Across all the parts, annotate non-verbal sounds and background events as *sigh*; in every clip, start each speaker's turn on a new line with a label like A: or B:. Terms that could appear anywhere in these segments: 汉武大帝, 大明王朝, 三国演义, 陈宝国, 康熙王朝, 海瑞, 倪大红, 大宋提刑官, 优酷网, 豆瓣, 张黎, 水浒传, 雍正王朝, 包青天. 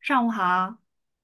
A: 上午好，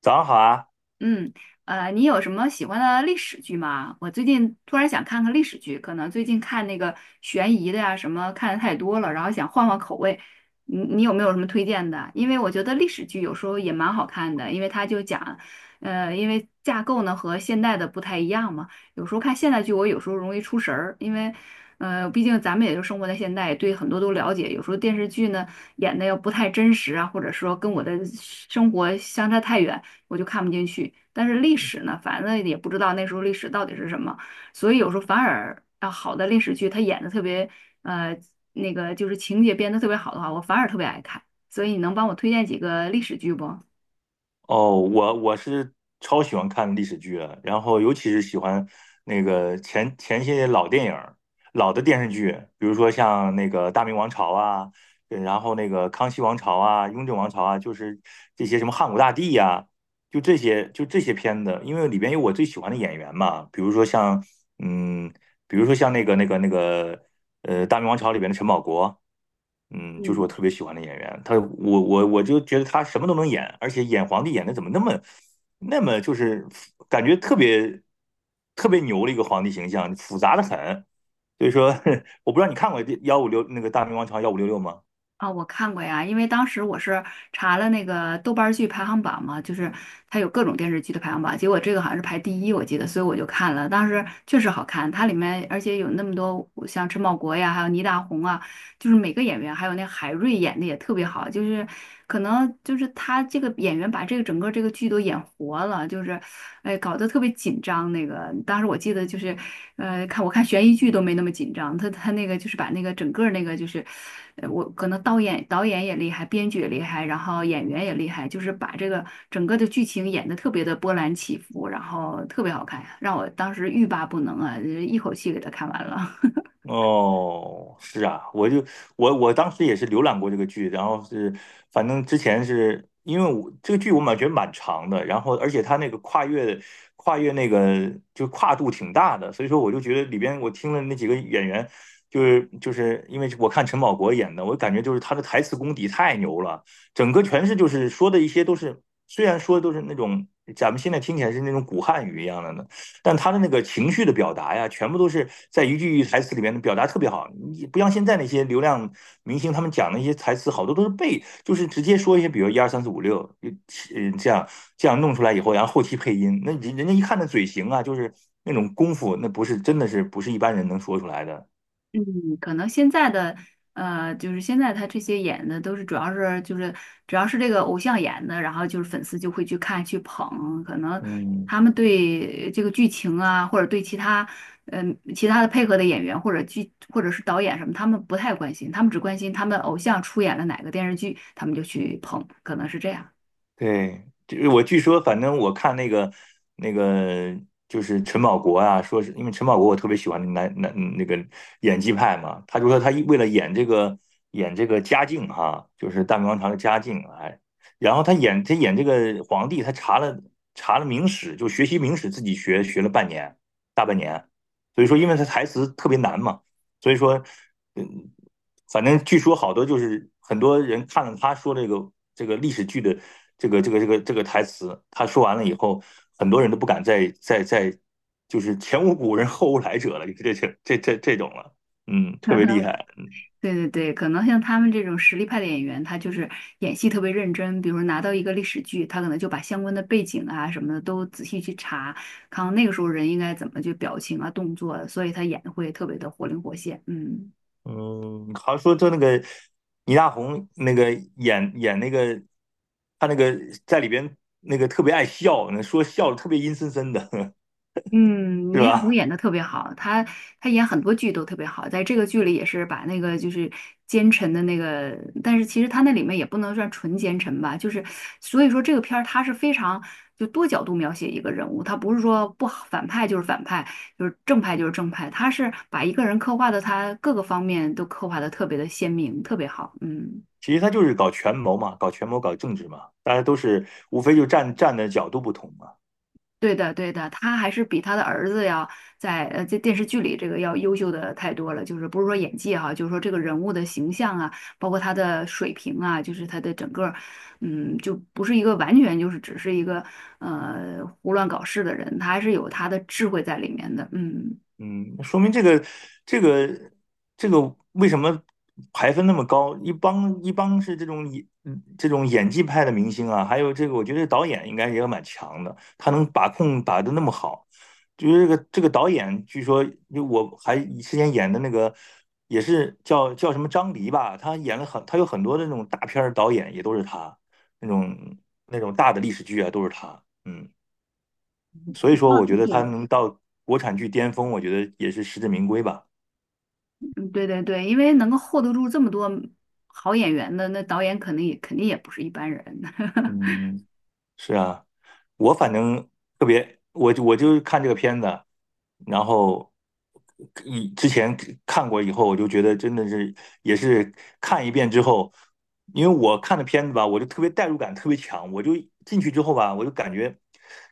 B: 早上好啊！
A: 嗯，你有什么喜欢的历史剧吗？我最近突然想看看历史剧，可能最近看那个悬疑的呀、什么看的太多了，然后想换换口味。你有没有什么推荐的？因为我觉得历史剧有时候也蛮好看的，因为它就讲，因为架构呢和现代的不太一样嘛。有时候看现代剧，我有时候容易出神儿，因为毕竟咱们也就生活在现代，对很多都了解。有时候电视剧呢演的要不太真实啊，或者说跟我的生活相差太远。我就看不进去。但是历史呢，反正也不知道那时候历史到底是什么，所以有时候反而啊，好的历史剧它演的特别呃那个就是情节编的特别好的话，我反而特别爱看。所以你能帮我推荐几个历史剧不？
B: 哦，我是超喜欢看历史剧的，然后尤其是喜欢那个前些老电影儿、老的电视剧，比如说像那个《大明王朝》啊，然后那个《康熙王朝》啊、《雍正王朝》啊，就是这些什么汉武大帝呀、就这些片子，因为里边有我最喜欢的演员嘛，嗯，比如说像那个《大明王朝》里边的陈宝国。嗯，就是我
A: 嗯。
B: 特别喜欢的演员，他我我我就觉得他什么都能演，而且演皇帝演的怎么那么就是感觉特别牛的一个皇帝形象，复杂的很。所以说，*laughs* 我不知道你看过156那个《大明王朝幺五六六》吗？
A: 啊，我看过呀，因为当时我是查了那个豆瓣儿剧排行榜嘛，就是它有各种电视剧的排行榜，结果这个好像是排第一，我记得，所以我就看了。当时确实好看，它里面而且有那么多像陈宝国呀，还有倪大红啊，就是每个演员，还有那海瑞演的也特别好，就是可能就是他这个演员把这个整个这个剧都演活了，就是，哎，搞得特别紧张。那个当时我记得就是，看我看悬疑剧都没那么紧张，他那个就是把那个整个那个就是，我可能导演也厉害，编剧也厉害，然后演员也厉害，就是把这个整个的剧情演得特别的波澜起伏，然后特别好看，让我当时欲罢不能啊，一口气给他看完了。*laughs*
B: 哦，是啊，我就我当时也是浏览过这个剧，然后是反正之前是因为我这个剧我感觉蛮长的，然后而且它那个跨越跨越那个就跨度挺大的，所以说我就觉得里边我听了那几个演员，就是因为我看陈宝国演的，我感觉就是他的台词功底太牛了，整个全是就是说的一些都是虽然说都是那种咱们现在听起来是那种古汉语一样的呢。但他的那个情绪的表达呀，全部都是在一句台词里面表达特别好。你不像现在那些流量明星，他们讲那些台词好多都是背，就是直接说一些，比如一二三四五六，呃这样这样弄出来以后，然后后期配音，人家一看那嘴型啊，就是那种功夫，那不是真的是不是一般人能说出来的。
A: 嗯，可能现在的就是现在他这些演的都是主要是这个偶像演的，然后就是粉丝就会去看去捧，可能
B: 嗯。
A: 他们对这个剧情啊，或者对其他嗯、其他的配合的演员或者剧或者是导演什么，他们不太关心，他们只关心他们偶像出演了哪个电视剧，他们就去捧，可能是这样。
B: 对，就是我据说，反正我看那个就是陈宝国啊，说是因为陈宝国我特别喜欢那男男那个演技派嘛，他就说他为了演这个嘉靖哈、就是大明王朝的嘉靖，哎，然后他演这个皇帝，他查了明史，就学习明史，自己学了大半年，所以说因为他台词特别难嘛，所以说。嗯，反正据说好多就是很多人看了他说这个历史剧的这个台词，他说完了以后，很多人都不敢再就是前无古人后无来者了，这种了，嗯，特
A: *laughs*
B: 别厉害，
A: 对对对，可能像他们这种实力派的演员，他就是演戏特别认真。比如说拿到一个历史剧，他可能就把相关的背景啊什么的都仔细去查，看看那个时候人应该怎么去表情啊、动作啊，所以他演得会特别的活灵活现。嗯。
B: 嗯，好像说就那个倪大红那个演那个他那个在里边那个特别爱笑，说笑的特别阴森森的，*laughs*
A: 嗯，
B: 是
A: 倪大红
B: 吧？
A: 演的特别好，她演很多剧都特别好，在这个剧里也是把那个就是奸臣的那个，但是其实她那里面也不能算纯奸臣吧，就是所以说这个片儿它是非常就多角度描写一个人物，它不是说不好反派就是反派，就是正派就是正派，它是把一个人刻画的他各个方面都刻画的特别的鲜明，特别好，嗯。
B: 其实他就是搞权谋嘛，搞权谋，搞政治嘛，大家都是无非就站的角度不同嘛。
A: 对的，对的，他还是比他的儿子要在这电视剧里这个要优秀的太多了。就是不是说演技哈、就是说这个人物的形象啊，包括他的水平啊，就是他的整个，嗯，就不是一个完全就是只是一个胡乱搞事的人，他还是有他的智慧在里面的。嗯，
B: 嗯，说明这个这个这个为什么排分那么高？一帮是这种演技派的明星啊，还有这个我觉得导演应该也蛮强的，他能把控把的那么好。就是这个导演，据说就我还之前演的那个也是叫什么张黎吧，他有很多的那种大片儿导演也都是他，那种那种大的历史剧啊都是他。嗯。所以说，我觉
A: 嗯
B: 得他
A: 对，
B: 能到国产剧巅峰，我觉得也是实至名归吧。
A: 嗯对对对，因为能够 hold 得住这么多好演员的，那导演肯定也不是一般人。*laughs*
B: 嗯，是啊，我反正特别，我就看这个片子，然后之前看过以后，我就觉得真的是也是看一遍之后，因为我看的片子吧，我就特别代入感特别强，我就进去之后吧，我就感觉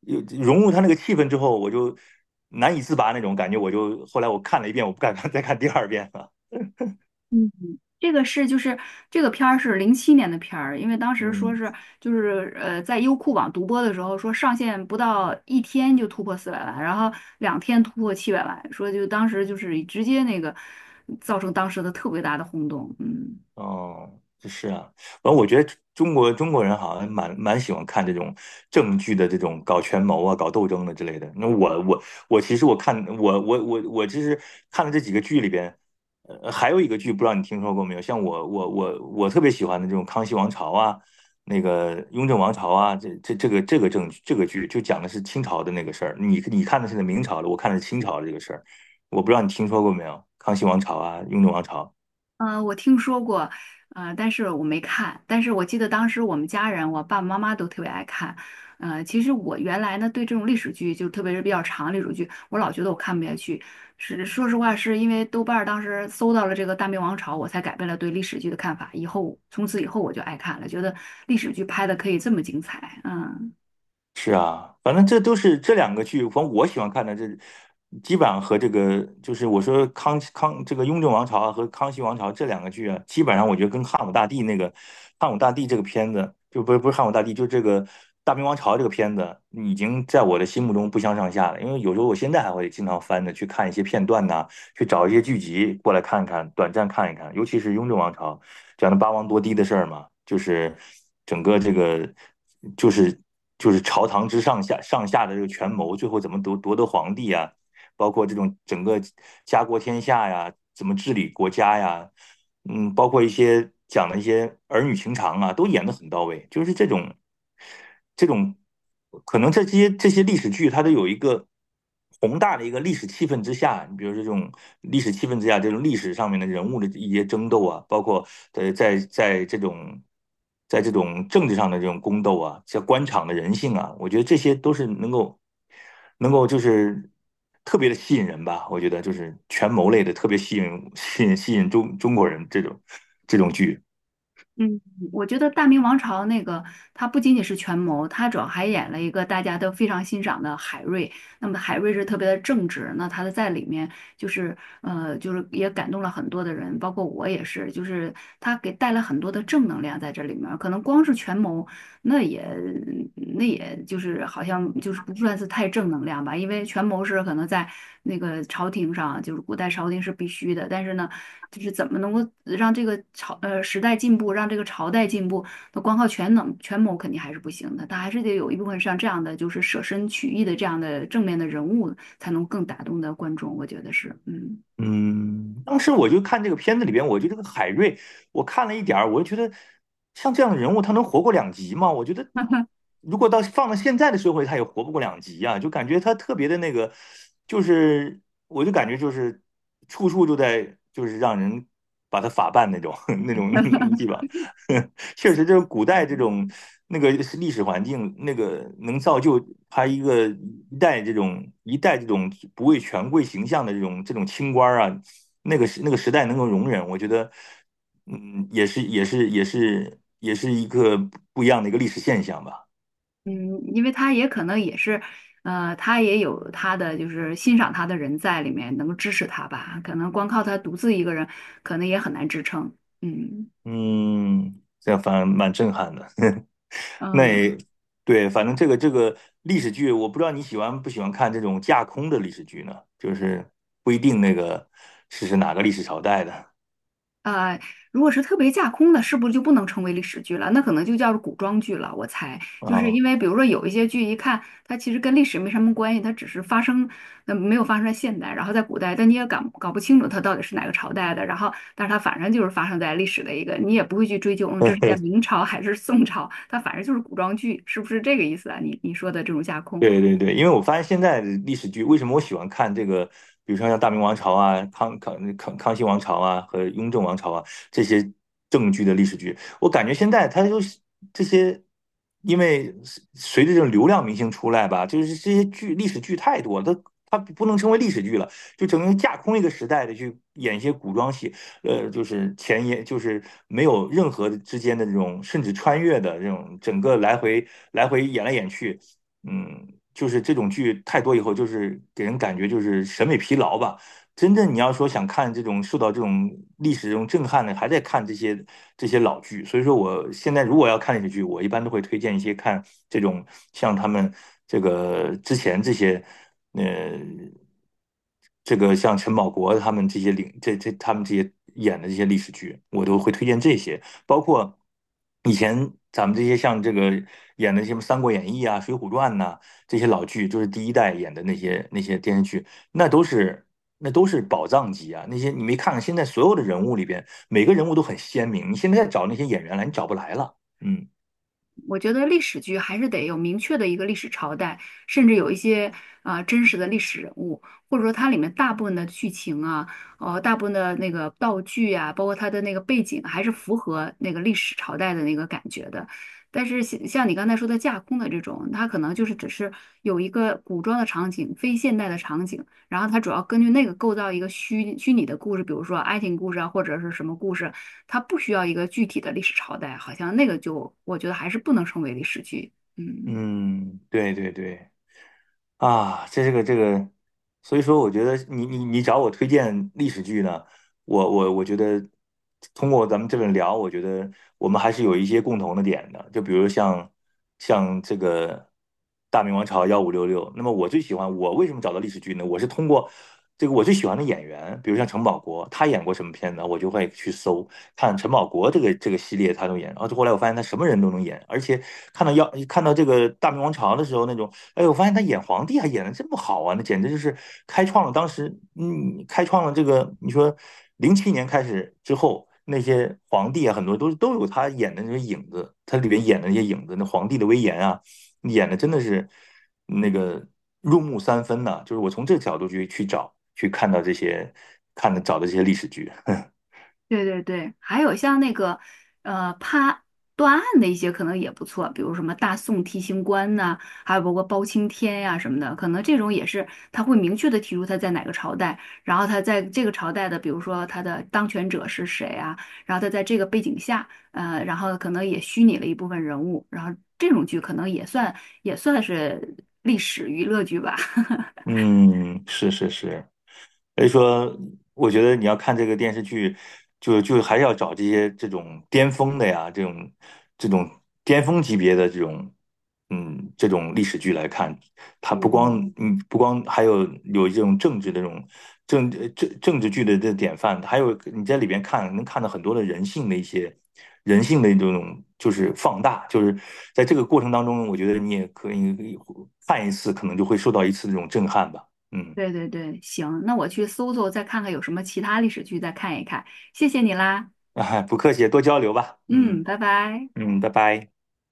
B: 有融入他那个气氛之后，我就难以自拔那种感觉，我就后来我看了一遍，我不敢 *laughs* 再看第二遍了。
A: 嗯，这个是就是这个片儿是07年的片儿，因为当时说
B: 嗯。
A: 是就是在优酷网独播的时候说上线不到一天就突破400万，然后两天突破700万，说就当时就是直接那个造成当时的特别大的轰动，嗯。
B: 哦，是啊，反正我觉得中国人好像蛮喜欢看这种政剧的这种搞权谋啊、搞斗争的之类的。那我其实看了这几个剧里边，呃，还有一个剧不知道你听说过没有？像我特别喜欢的这种《康熙王朝》啊，那个《雍正王朝》啊，这这这个这个正这个剧就讲的是清朝的那个事儿。你你看的是明朝的，我看的是清朝的这个事儿。我不知道你听说过没有，《康熙王朝》啊，《雍正王朝》。
A: 嗯，我听说过，但是我没看。但是我记得当时我们家人，我爸爸妈妈都特别爱看。呃，其实我原来呢对这种历史剧，就特别是比较长的历史剧，我老觉得我看不下去。是说实话，是因为豆瓣儿当时搜到了这个《大明王朝》，我才改变了对历史剧的看法。以后从此以后我就爱看了，觉得历史剧拍的可以这么精彩。嗯。
B: 是啊，反正这都是这两个剧，反正我喜欢看的这，基本上和这个就是我说这个《雍正王朝》啊和《康熙王朝》这两个剧啊，基本上我觉得跟汉武大帝这个片子，就不是汉武大帝，就这个《大明王朝》这个片子，已经在我的心目中不相上下了。因为有时候我现在还会经常翻着去看一些片段呐、去找一些剧集过来看看，短暂看一看，尤其是《雍正王朝》。讲的八王夺嫡的事儿嘛，就是整个这个就是就是朝堂之上下的这个权谋，最后怎么夺得皇帝啊，包括这种整个家国天下呀，怎么治理国家呀，嗯，包括一些讲的一些儿女情长啊，都演得很到位，就是这种。这种可能这些历史剧，它都有一个宏大的一个历史气氛之下，你比如这种历史气氛之下，这种历史上面的人物的一些争斗啊，包括呃在在这种在这种政治上的这种宫斗啊，像官场的人性啊，我觉得这些都是能够就是特别的吸引人吧。我觉得就是权谋类的特别吸引中国人这种剧。
A: 嗯，我觉得《大明王朝》那个，它不仅仅是权谋，它主要还演了一个大家都非常欣赏的海瑞。那么海瑞是特别的正直，那他在里面就是也感动了很多的人，包括我也是，就是他给带了很多的正能量在这里面儿可能光是权谋，那也那也就是好像就是不算是太正能量吧，因为权谋是可能在那个朝廷上，就是古代朝廷是必须的，但是呢，就是怎么能够让这个时代进步，让这个朝代进步，那光靠权谋肯定还是不行的，他还是得有一部分像这样的就是舍身取义的这样的正面的人物，才能更打动的观众，我觉得是，嗯。
B: 嗯，当时我就看这个片子里边，我觉得这个海瑞，我看了一点儿，我就觉得像这样的人物，他能活过两集吗？我觉得如果到放到现在的社会，他也活不过两集啊，就感觉他特别的那个，就是我就感觉就是处处就在就是让人把他法办那种 *laughs* 那种地方，*laughs* 确实，这古代这
A: 嗯
B: 种那个历史环境，那个能造就他一个一代这种不畏权贵形象的这种清官啊，那个时代能够容忍，我觉得，嗯，也是一个不一样的一个历史现象吧。
A: 嗯，因为他也可能也是，他也有他的就是欣赏他的人在里面，能够支持他吧。可能光靠他独自一个人，可能也很难支撑。嗯
B: 嗯，这样反而蛮震撼的。*laughs* 那
A: 嗯，
B: 也对，反正这个历史剧，我不知道你喜欢不喜欢看这种架空的历史剧呢？就是不一定那个是哪个历史朝代的
A: 呃，如果是特别架空的，是不是就不能称为历史剧了？那可能就叫古装剧了。我猜，就是
B: 啊、
A: 因为比如说有一些剧，一看它其实跟历史没什么关系，它只是发生，没有发生在现代，然后在古代，但你也搞搞不清楚它到底是哪个朝代的。然后，但是它反正就是发生在历史的一个，你也不会去追究，嗯，这是在明朝还是宋朝，它反正就是古装剧，是不是这个意思啊？你你说的这种架空。
B: 对对对，因为我发现现在的历史剧，为什么我喜欢看这个，比如说像《大明王朝》啊、康熙王朝啊和雍正王朝啊这些正剧的历史剧，我感觉现在它就是这些，因为随着这种流量明星出来吧，就是这些剧历史剧太多了，它不能称为历史剧了，就整个架空一个时代的去演一些古装戏，呃，就是前沿，就是没有任何之间的这种甚至穿越的这种整个来回来回演来演去。嗯，就是这种剧太多以后，就是给人感觉就是审美疲劳吧。真正你要说想看这种受到这种历史这种震撼的，还在看这些老剧。所以说，我现在如果要看历史剧，我一般都会推荐一些看这种像他们这个之前这些，呃，这个像陈宝国他们这些领这这他们这些演的这些历史剧，我都会推荐这些。包括以前咱们这些像这个演的什么《三国演义》啊、《水浒传》呐、这些老剧，就是第一代演的那些电视剧，那都是那都是宝藏级啊！那些你没看看，现在所有的人物里边，每个人物都很鲜明，你现在找那些演员来，你找不来了。嗯
A: 我觉得历史剧还是得有明确的一个历史朝代，甚至有一些真实的历史人物，或者说它里面大部分的剧情啊，呃，大部分的那个道具啊，包括它的那个背景，还是符合那个历史朝代的那个感觉的。但是像你刚才说的架空的这种，它可能就是只是有一个古装的场景，非现代的场景。然后它主要根据那个构造一个虚拟的故事，比如说爱情故事啊，或者是什么故事，它不需要一个具体的历史朝代，好像那个就我觉得还是不能称为历史剧。嗯。
B: 嗯，对对对。啊，这个，所以说我觉得你找我推荐历史剧呢，我觉得通过咱们这么聊，我觉得我们还是有一些共同的点的，就比如像这个《大明王朝幺五六六》，那么我最喜欢我为什么找到历史剧呢？我是通过这个我最喜欢的演员，比如像陈宝国，他演过什么片子，我就会去搜看陈宝国这个系列他都演，然后后来我发现他什么人都能演，而且看到这个《大明王朝》的时候那种。哎，我发现他演皇帝还演的这么好啊，那简直就是开创了当时，嗯，开创了这个，你说2007年开始之后，那些皇帝啊，很多都都有他演的那些影子，他里边演的那些影子，那皇帝的威严啊，演的真的是那个入木三分呐、就是我从这个角度去找，去看到这些，看的找的这些历史剧，
A: 对对对，还有像那个判断案的一些可能也不错，比如什么大宋提刑官呐、还有包括包青天呀、什么的，可能这种也是他会明确的提出他在哪个朝代，然后他在这个朝代的，比如说他的当权者是谁啊，然后他在这个背景下，然后可能也虚拟了一部分人物，然后这种剧可能也算也算是历史娱乐剧吧，
B: *laughs* 嗯，是是是。所以说，我觉得你要看这个电视剧，就就还是要找这些这种巅峰的呀，这种巅峰级别的这种，嗯，这种历史剧来看。
A: *laughs*
B: 它不光
A: 嗯。
B: 嗯不光还有这种政治的这种政治剧的这典范，还有你在里边看能看到很多的人性的一些人性的这种就是放大，就是在这个过程当中，我觉得你也可以看一次，可能就会受到一次这种震撼吧，嗯。
A: 对对对，行，那我去搜搜，再看看有什么其他历史剧，再看一看。谢谢你啦，
B: *laughs* 不客气，多交流吧。
A: 嗯，
B: 嗯
A: 拜拜。
B: 嗯，拜拜。